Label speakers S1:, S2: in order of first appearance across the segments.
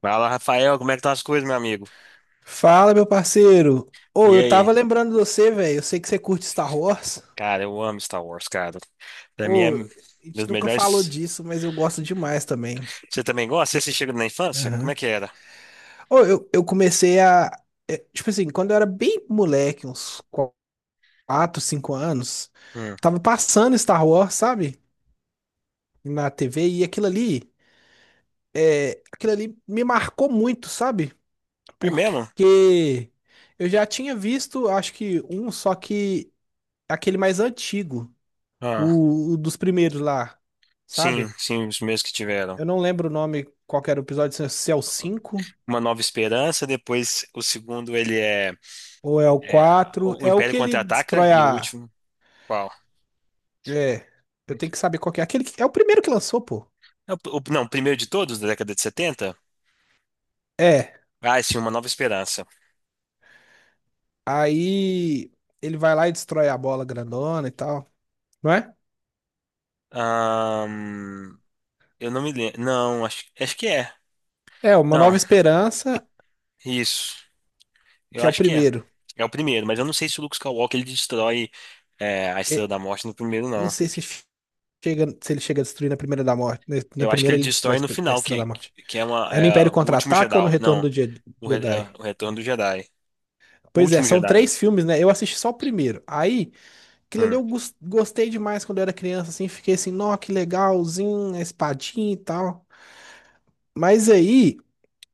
S1: Fala, Rafael, como é que tá as coisas, meu amigo?
S2: Fala, meu parceiro. Ô,
S1: E
S2: eu tava
S1: aí?
S2: lembrando de você, velho. Eu sei que você curte Star Wars.
S1: Cara, eu amo Star Wars, cara. Pra mim é
S2: Ô,
S1: um
S2: a gente
S1: dos
S2: nunca falou
S1: melhores.
S2: disso, mas eu gosto demais também.
S1: Você também gosta? Você assistiu na infância? Como
S2: Aham.
S1: é que era?
S2: Ô, eu comecei a. É, tipo assim, quando eu era bem moleque, uns 4, 5 anos,
S1: Hum.
S2: tava passando Star Wars, sabe? Na TV, e aquilo ali, é, aquilo ali me marcou muito, sabe?
S1: É mesmo?
S2: Porque eu já tinha visto, acho que um, só que aquele mais antigo.
S1: Ah,
S2: O dos primeiros lá,
S1: sim,
S2: sabe?
S1: sim, os meus que tiveram.
S2: Eu não lembro o nome, qual que era o episódio, se é o 5
S1: Uma Nova Esperança, depois o segundo ele é,
S2: ou é o
S1: é
S2: 4.
S1: o
S2: É o
S1: Império
S2: que ele
S1: Contra-Ataca
S2: destrói
S1: e o
S2: a.
S1: último, qual?
S2: É, eu tenho que saber qual que é. Aquele que... É o primeiro que lançou, pô.
S1: É não, o primeiro de todos, da década de 70.
S2: É,
S1: Ah, sim, Uma Nova Esperança.
S2: aí ele vai lá e destrói a bola grandona e tal, não é?
S1: Ahn, eu não me lembro. Não, acho que é.
S2: É, Uma
S1: Não,
S2: Nova Esperança,
S1: isso. Eu
S2: que é o
S1: acho que é.
S2: primeiro.
S1: É o primeiro, mas eu não sei se o Luke Skywalker ele destrói a
S2: E-
S1: Estrela da Morte no primeiro,
S2: não
S1: não.
S2: sei se chega, se ele chega a destruir na primeira da morte. Na
S1: Eu acho que
S2: primeira
S1: ele
S2: ele destrói a
S1: destrói no
S2: A
S1: final, que,
S2: Estrela da Morte.
S1: que é,
S2: É no
S1: é
S2: Império
S1: o último
S2: Contra-Ataca ou no
S1: Jedi.
S2: Retorno
S1: Não,
S2: do
S1: é
S2: Jedi?
S1: o Retorno do Jedi. O
S2: Pois é,
S1: último
S2: são
S1: Jedi. eu
S2: três filmes, né? Eu assisti só o primeiro. Aí, aquilo ali
S1: Hum.
S2: eu gostei demais quando eu era criança, assim, fiquei assim, nó, que legalzinho, a espadinha e tal. Mas aí,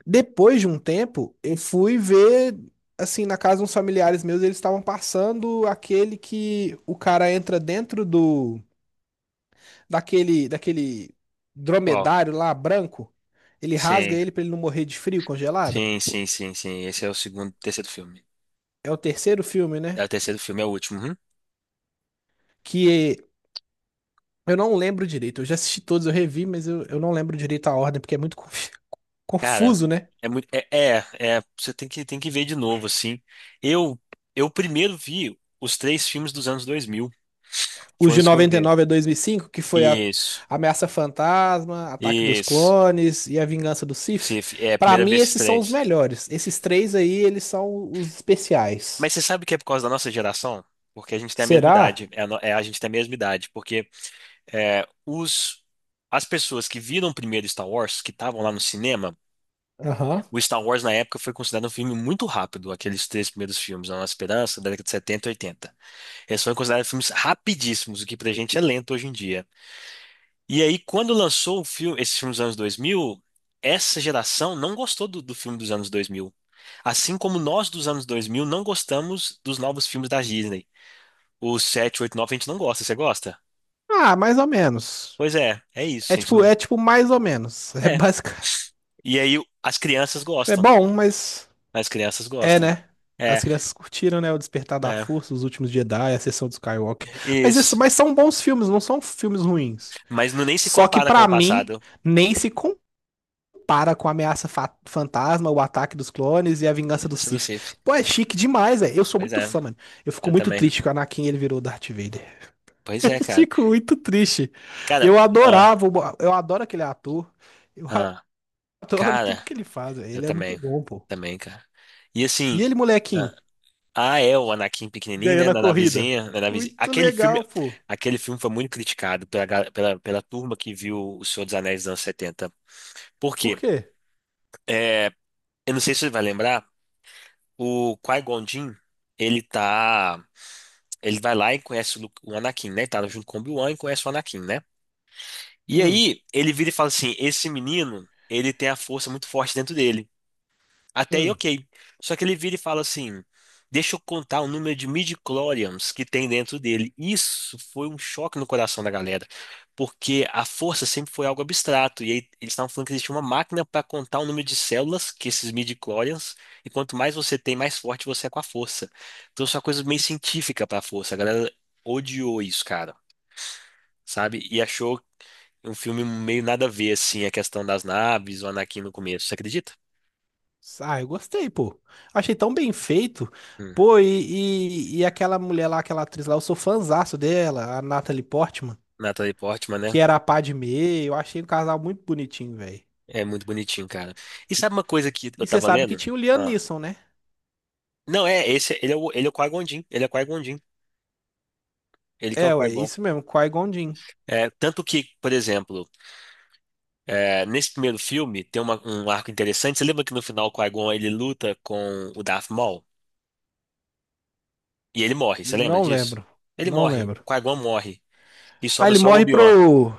S2: depois de um tempo, eu fui ver, assim, na casa de uns familiares meus, eles estavam passando aquele que o cara entra dentro do, daquele
S1: Qual?
S2: dromedário lá, branco. Ele rasga
S1: Sim,
S2: ele pra ele não morrer de frio congelado.
S1: sim, sim, sim, sim. Esse é o segundo, terceiro filme.
S2: É o terceiro filme,
S1: É
S2: né?
S1: o terceiro filme, é o último. Uhum.
S2: Que eu não lembro direito. Eu já assisti todos, eu revi, mas eu não lembro direito a ordem, porque é muito
S1: Cara,
S2: confuso, né?
S1: é muito. É, você tem que ver de novo, assim. Eu, eu primeiro vi os três filmes dos anos 2000.
S2: Os
S1: Foram
S2: de
S1: os que eu vi.
S2: 99 a 2005, que foi a
S1: Isso.
S2: Ameaça Fantasma, Ataque dos
S1: Isso.
S2: Clones e A Vingança do Sith.
S1: Se, é a
S2: Pra
S1: primeira
S2: mim,
S1: vez
S2: esses são os
S1: estranhos.
S2: melhores. Esses três aí, eles são os especiais.
S1: Mas você sabe que é por causa da nossa geração? Porque a gente tem a mesma
S2: Será?
S1: idade. É a, no- é, a gente tem a mesma idade. Porque é, os, as pessoas que viram primeiro Star Wars, que estavam lá no cinema,
S2: Aham.
S1: o Star Wars na época foi considerado um filme muito rápido. Aqueles três primeiros filmes, A Nossa Esperança, da década de 70 e 80, eles foram considerados filmes rapidíssimos, o que pra gente é lento hoje em dia. E aí, quando lançou o filme, esse filme dos anos 2000, essa geração não gostou do filme dos anos 2000. Assim como nós dos anos 2000 não gostamos dos novos filmes da Disney. Os 7 8 9 a gente não gosta. Você gosta?
S2: Ah, mais ou menos.
S1: Pois é, é isso. A gente não...
S2: É tipo mais ou menos. É
S1: É.
S2: basic...
S1: E aí, as crianças
S2: tipo, é
S1: gostam.
S2: bom, mas
S1: As crianças
S2: é,
S1: gostam.
S2: né? As
S1: É,
S2: crianças curtiram, né? O Despertar da
S1: é.
S2: Força, Os Últimos Jedi, A sessão do Skywalker. Mas, isso,
S1: Isso.
S2: mas são bons filmes, não são filmes ruins.
S1: Mas não nem se
S2: Só que,
S1: compara com
S2: pra
S1: o
S2: mim,
S1: passado.
S2: nem se compara com Fantasma, O Ataque dos Clones e A Vingança do
S1: Eu sou do
S2: Sith.
S1: Cif.
S2: Pô, é chique demais, velho. Eu sou
S1: Pois
S2: muito
S1: é,
S2: fã, mano. Eu fico
S1: eu
S2: muito
S1: também.
S2: triste que o Anakin ele virou Darth Vader.
S1: Pois
S2: Eu
S1: é, cara.
S2: fico muito triste.
S1: Cara,
S2: Eu
S1: ah,
S2: adorava, o eu adoro aquele ator. Eu
S1: ah,
S2: adoro tudo
S1: cara.
S2: que ele faz, velho.
S1: Eu
S2: Ele é muito
S1: também.
S2: bom, pô.
S1: Também, cara. E assim.
S2: E ele,
S1: Ah,
S2: molequinho?
S1: o Anakin pequenininho,
S2: Ganhando
S1: né?
S2: a
S1: Na
S2: corrida.
S1: navezinha, na navezinha.
S2: Muito
S1: Aquele filme,
S2: legal, pô.
S1: aquele filme foi muito criticado pela turma que viu O Senhor dos Anéis dos anos 70. Por
S2: Por
S1: quê?
S2: quê?
S1: É, eu não sei se você vai lembrar, o Qui-Gon Jinn, ele tá. Ele vai lá e conhece o Anakin, né? Tá junto com o Obi-Wan e conhece o Anakin, né? E
S2: Hum,
S1: aí, ele vira e fala assim: esse menino, ele tem a força muito forte dentro dele. Até aí,
S2: hum.
S1: ok. Só que ele vira e fala assim: deixa eu contar o número de midi-chlorians que tem dentro dele. Isso foi um choque no coração da galera, porque a força sempre foi algo abstrato. E aí eles estavam falando que existia uma máquina para contar o número de células, que esses midi-chlorians, e quanto mais você tem, mais forte você é com a força. Então isso é uma coisa meio científica para a força. A galera odiou isso, cara, sabe? E achou um filme meio nada a ver, assim, a questão das naves, o Anakin no começo. Você acredita?
S2: Ah, eu gostei, pô. Achei tão bem feito.
S1: Hum.
S2: Pô, e aquela mulher lá, aquela atriz lá, eu sou fãzaço dela, a Natalie Portman,
S1: Natalie Portman, né?
S2: que era a Padmé. Eu achei o casal muito bonitinho, velho.
S1: É muito bonitinho, cara. E sabe uma coisa que
S2: E
S1: eu
S2: você
S1: tava
S2: sabe que
S1: lendo?
S2: tinha o Liam
S1: Ah.
S2: Neeson, né?
S1: Não, é, esse, ele é o Qui-Gon Jinn, ele que é o
S2: É, ué,
S1: Qui-Gon.
S2: isso mesmo, Qui-Gon Jinn.
S1: É, tanto que, por exemplo, nesse primeiro filme tem um arco interessante, você lembra que no final o Qui-Gon ele luta com o Darth Maul? E ele morre, você lembra
S2: Não
S1: disso?
S2: lembro,
S1: Ele
S2: não
S1: morre, o
S2: lembro.
S1: Qui-Gon morre, e
S2: Ah,
S1: sobra
S2: ele
S1: só o
S2: morre
S1: Obi-Wan,
S2: pro,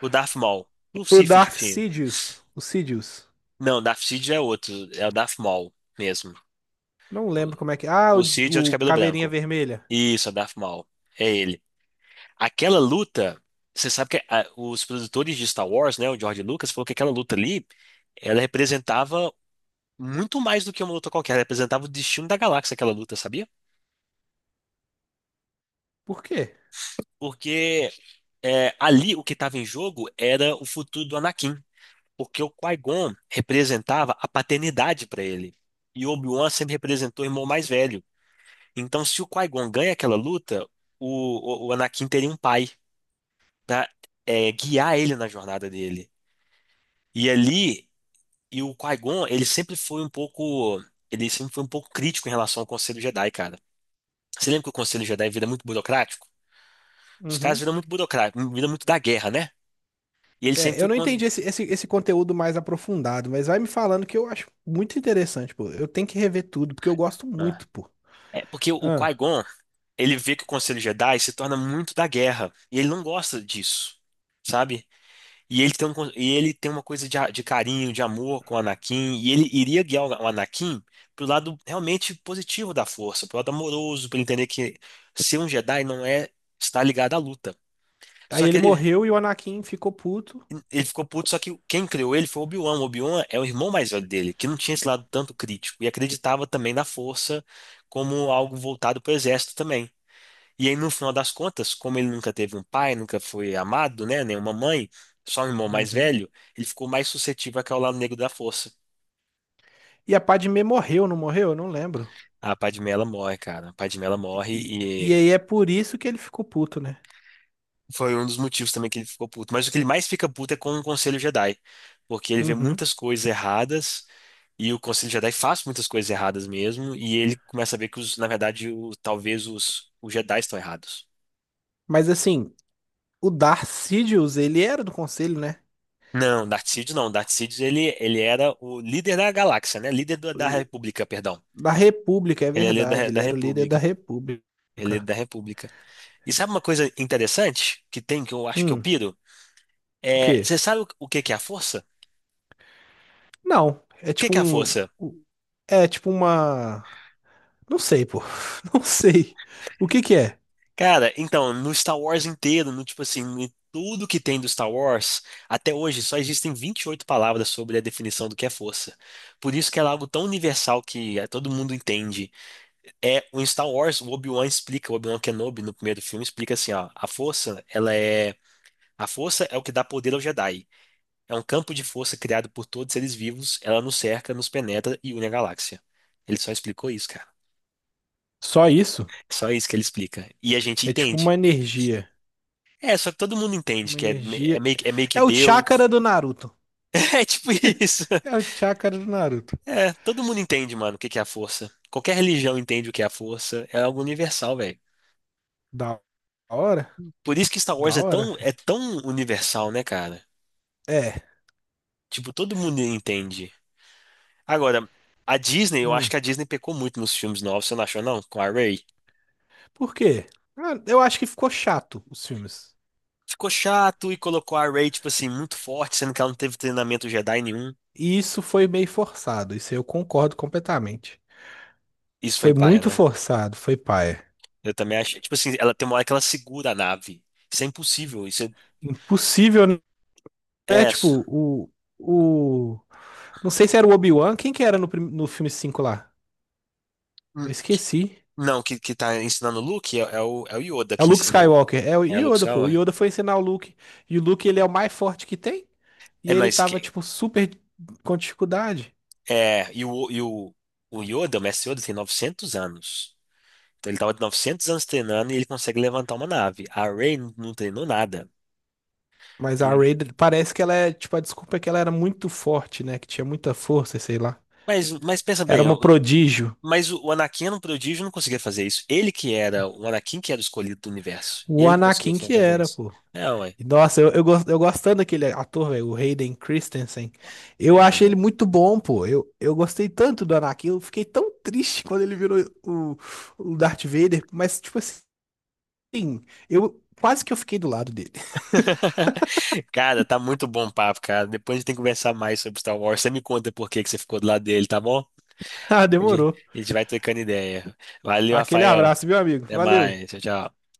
S1: o Darth Maul, o
S2: pro
S1: Sith que
S2: Darth
S1: tinha.
S2: Sidious, o Sidious.
S1: Não, Darth Sid é outro, é o Darth Maul mesmo.
S2: Não lembro
S1: O
S2: como é que... Ah,
S1: o Sid é o de
S2: o
S1: cabelo
S2: Caveirinha
S1: branco.
S2: Vermelha.
S1: Isso, é o Darth Maul. É ele. Aquela luta, você sabe que os produtores de Star Wars, né, o George Lucas, falou que aquela luta ali, ela representava muito mais do que uma luta qualquer, ela representava o destino da galáxia, aquela luta, sabia?
S2: Por quê?
S1: Porque ali o que estava em jogo era o futuro do Anakin, porque o Qui-Gon representava a paternidade para ele, e o Obi-Wan sempre representou o irmão mais velho. Então, se o Qui-Gon ganha aquela luta, o Anakin teria um pai para guiar ele na jornada dele. E ali E o Qui-Gon, ele sempre foi um pouco, ele sempre foi um pouco crítico em relação ao Conselho Jedi, cara. Você lembra que o Conselho Jedi vira muito burocrático? Os caras
S2: Uhum.
S1: viram muito burocrático, viram muito da guerra, né? E ele sempre
S2: É, eu
S1: foi
S2: não
S1: quando.
S2: entendi esse conteúdo mais aprofundado, mas vai me falando que eu acho muito interessante, pô. Eu tenho que rever tudo, porque eu gosto
S1: Ah.
S2: muito, pô.
S1: É porque o
S2: Ah.
S1: Qui-Gon, ele vê que o Conselho Jedi se torna muito da guerra, e ele não gosta disso, sabe? E ele tem uma coisa de, de carinho, de amor com o Anakin, e ele iria guiar o Anakin pro lado realmente positivo da força, pro lado amoroso, para ele entender que ser um Jedi não é estar ligado à luta.
S2: Aí
S1: Só
S2: ele
S1: que ele,
S2: morreu e o Anakin ficou puto.
S1: ele ficou puto, só que quem criou ele foi o Obi-Wan. O Obi-Wan é o irmão mais velho dele, que não tinha esse lado tanto crítico, e acreditava também na força como algo voltado pro exército também. E aí, no final das contas, como ele nunca teve um pai, nunca foi amado, né, nem uma mãe, só um irmão mais
S2: Uhum.
S1: velho, ele ficou mais suscetível ao lado negro da força.
S2: E a Padmé morreu, não morreu? Eu não lembro.
S1: A Padmé, ela morre, cara. A Padmé, ela morre
S2: E
S1: e
S2: aí é por isso que ele ficou puto, né?
S1: foi um dos motivos também que ele ficou puto. Mas o que ele mais fica puto é com o Conselho Jedi, porque ele vê
S2: Uhum.
S1: muitas coisas erradas e o Conselho Jedi faz muitas coisas erradas mesmo, e ele começa a ver que, na verdade, talvez os Jedi estão errados.
S2: Mas assim, o Darth Sidious, ele era do conselho, né?
S1: Não, Darkseid não. Darkseid ele era o líder da galáxia, né? Líder da
S2: E-
S1: República, perdão.
S2: Da República, é
S1: Ele é líder da,
S2: verdade.
S1: da
S2: Ele era o líder da
S1: República. Ele é
S2: República.
S1: líder da República. E sabe uma coisa interessante que tem que eu acho que eu
S2: Hum,
S1: piro?
S2: o quê?
S1: Você sabe o que que é a força? O
S2: Não, é
S1: que
S2: tipo
S1: que é a
S2: um.
S1: força?
S2: É tipo uma. Não sei, pô. Não sei. O que que é?
S1: Cara, então, no Star Wars inteiro, no tipo assim, em tudo que tem do Star Wars, até hoje só existem 28 palavras sobre a definição do que é força. Por isso que ela é algo tão universal que todo mundo entende. É, o Star Wars, o Obi-Wan explica, o Obi-Wan Kenobi no primeiro filme explica assim, ó, a força é o que dá poder ao Jedi. É um campo de força criado por todos os seres vivos, ela nos cerca, nos penetra e une a galáxia. Ele só explicou isso, cara.
S2: Só isso?
S1: Só isso que ele explica. E a gente
S2: É tipo
S1: entende.
S2: uma energia.
S1: É, só que todo mundo entende
S2: Uma
S1: que é, me- é
S2: energia.
S1: meio, que- é meio que
S2: É o chakra
S1: Deus.
S2: do Naruto.
S1: É tipo isso.
S2: É o chakra do Naruto.
S1: É, todo mundo entende, mano, o que que é a força. Qualquer religião entende o que é a força. É algo universal, velho.
S2: Da hora?
S1: Por isso que Star Wars
S2: Da
S1: é
S2: hora,
S1: tão,
S2: filho.
S1: é tão universal, né, cara?
S2: É.
S1: Tipo, todo mundo entende. Agora, a Disney, eu acho
S2: Hum.
S1: que a Disney pecou muito nos filmes novos, você não achou, não? Com a Rey.
S2: Por quê? Ah, eu acho que ficou chato os filmes.
S1: Ficou chato e colocou a Rey, tipo assim, muito forte, sendo que ela não teve treinamento Jedi nenhum.
S2: E isso foi meio forçado. Isso aí eu concordo completamente.
S1: Isso foi
S2: Foi
S1: paia,
S2: muito
S1: né?
S2: forçado. Foi paia.
S1: Eu também achei. Tipo assim, ela tem uma hora que ela segura a nave. Isso é impossível. Isso é.
S2: Impossível, né?
S1: é-
S2: Tipo, o. O. Não sei se era o Obi-Wan. Quem que era no, no filme 5 lá?
S1: Hum.
S2: Eu esqueci.
S1: Não, que tá ensinando o Luke é, é o Yoda
S2: É o
S1: que
S2: Luke
S1: ensina.
S2: Skywalker, é o
S1: É o Luke
S2: Yoda, pô. O
S1: Skywalker.
S2: Yoda foi ensinar o Luke. E o Luke, ele é o mais forte que tem. E
S1: É,
S2: ele
S1: mas que.
S2: tava, tipo, super com dificuldade.
S1: É, e o, e o, o mestre Yoda tem 900 anos. Então ele estava de 900 anos treinando e ele consegue levantar uma nave. A Rey não treinou nada.
S2: Mas a
S1: E-
S2: Rey, parece que ela é, tipo, a desculpa é que ela era muito forte, né? Que tinha muita força, sei lá.
S1: mas pensa
S2: Era
S1: bem,
S2: uma prodígio.
S1: mas o Anakin era um prodígio, não conseguia fazer isso. Ele que era, o Anakin que era o escolhido do universo. E
S2: O
S1: ele não conseguia
S2: Anakin que
S1: fazer
S2: era,
S1: isso.
S2: pô.
S1: É, ué.
S2: E, nossa, eu gostando daquele ator, velho, o Hayden Christensen. Eu
S1: Eu
S2: achei
S1: também.
S2: ele muito bom, pô. Eu gostei tanto do Anakin. Eu fiquei tão triste quando ele virou o, o Darth Vader. Mas, tipo assim. Sim, eu quase que eu fiquei do lado dele.
S1: Cara, tá muito bom o papo, cara. Depois a gente tem que conversar mais sobre Star Wars. Você me conta por que que você ficou do lado dele, tá bom?
S2: Ah,
S1: A gente,
S2: demorou.
S1: a gente vai trocando ideia. Valeu,
S2: Aquele
S1: Rafael.
S2: abraço, meu amigo?
S1: Até
S2: Valeu.
S1: mais. Tchau, tchau.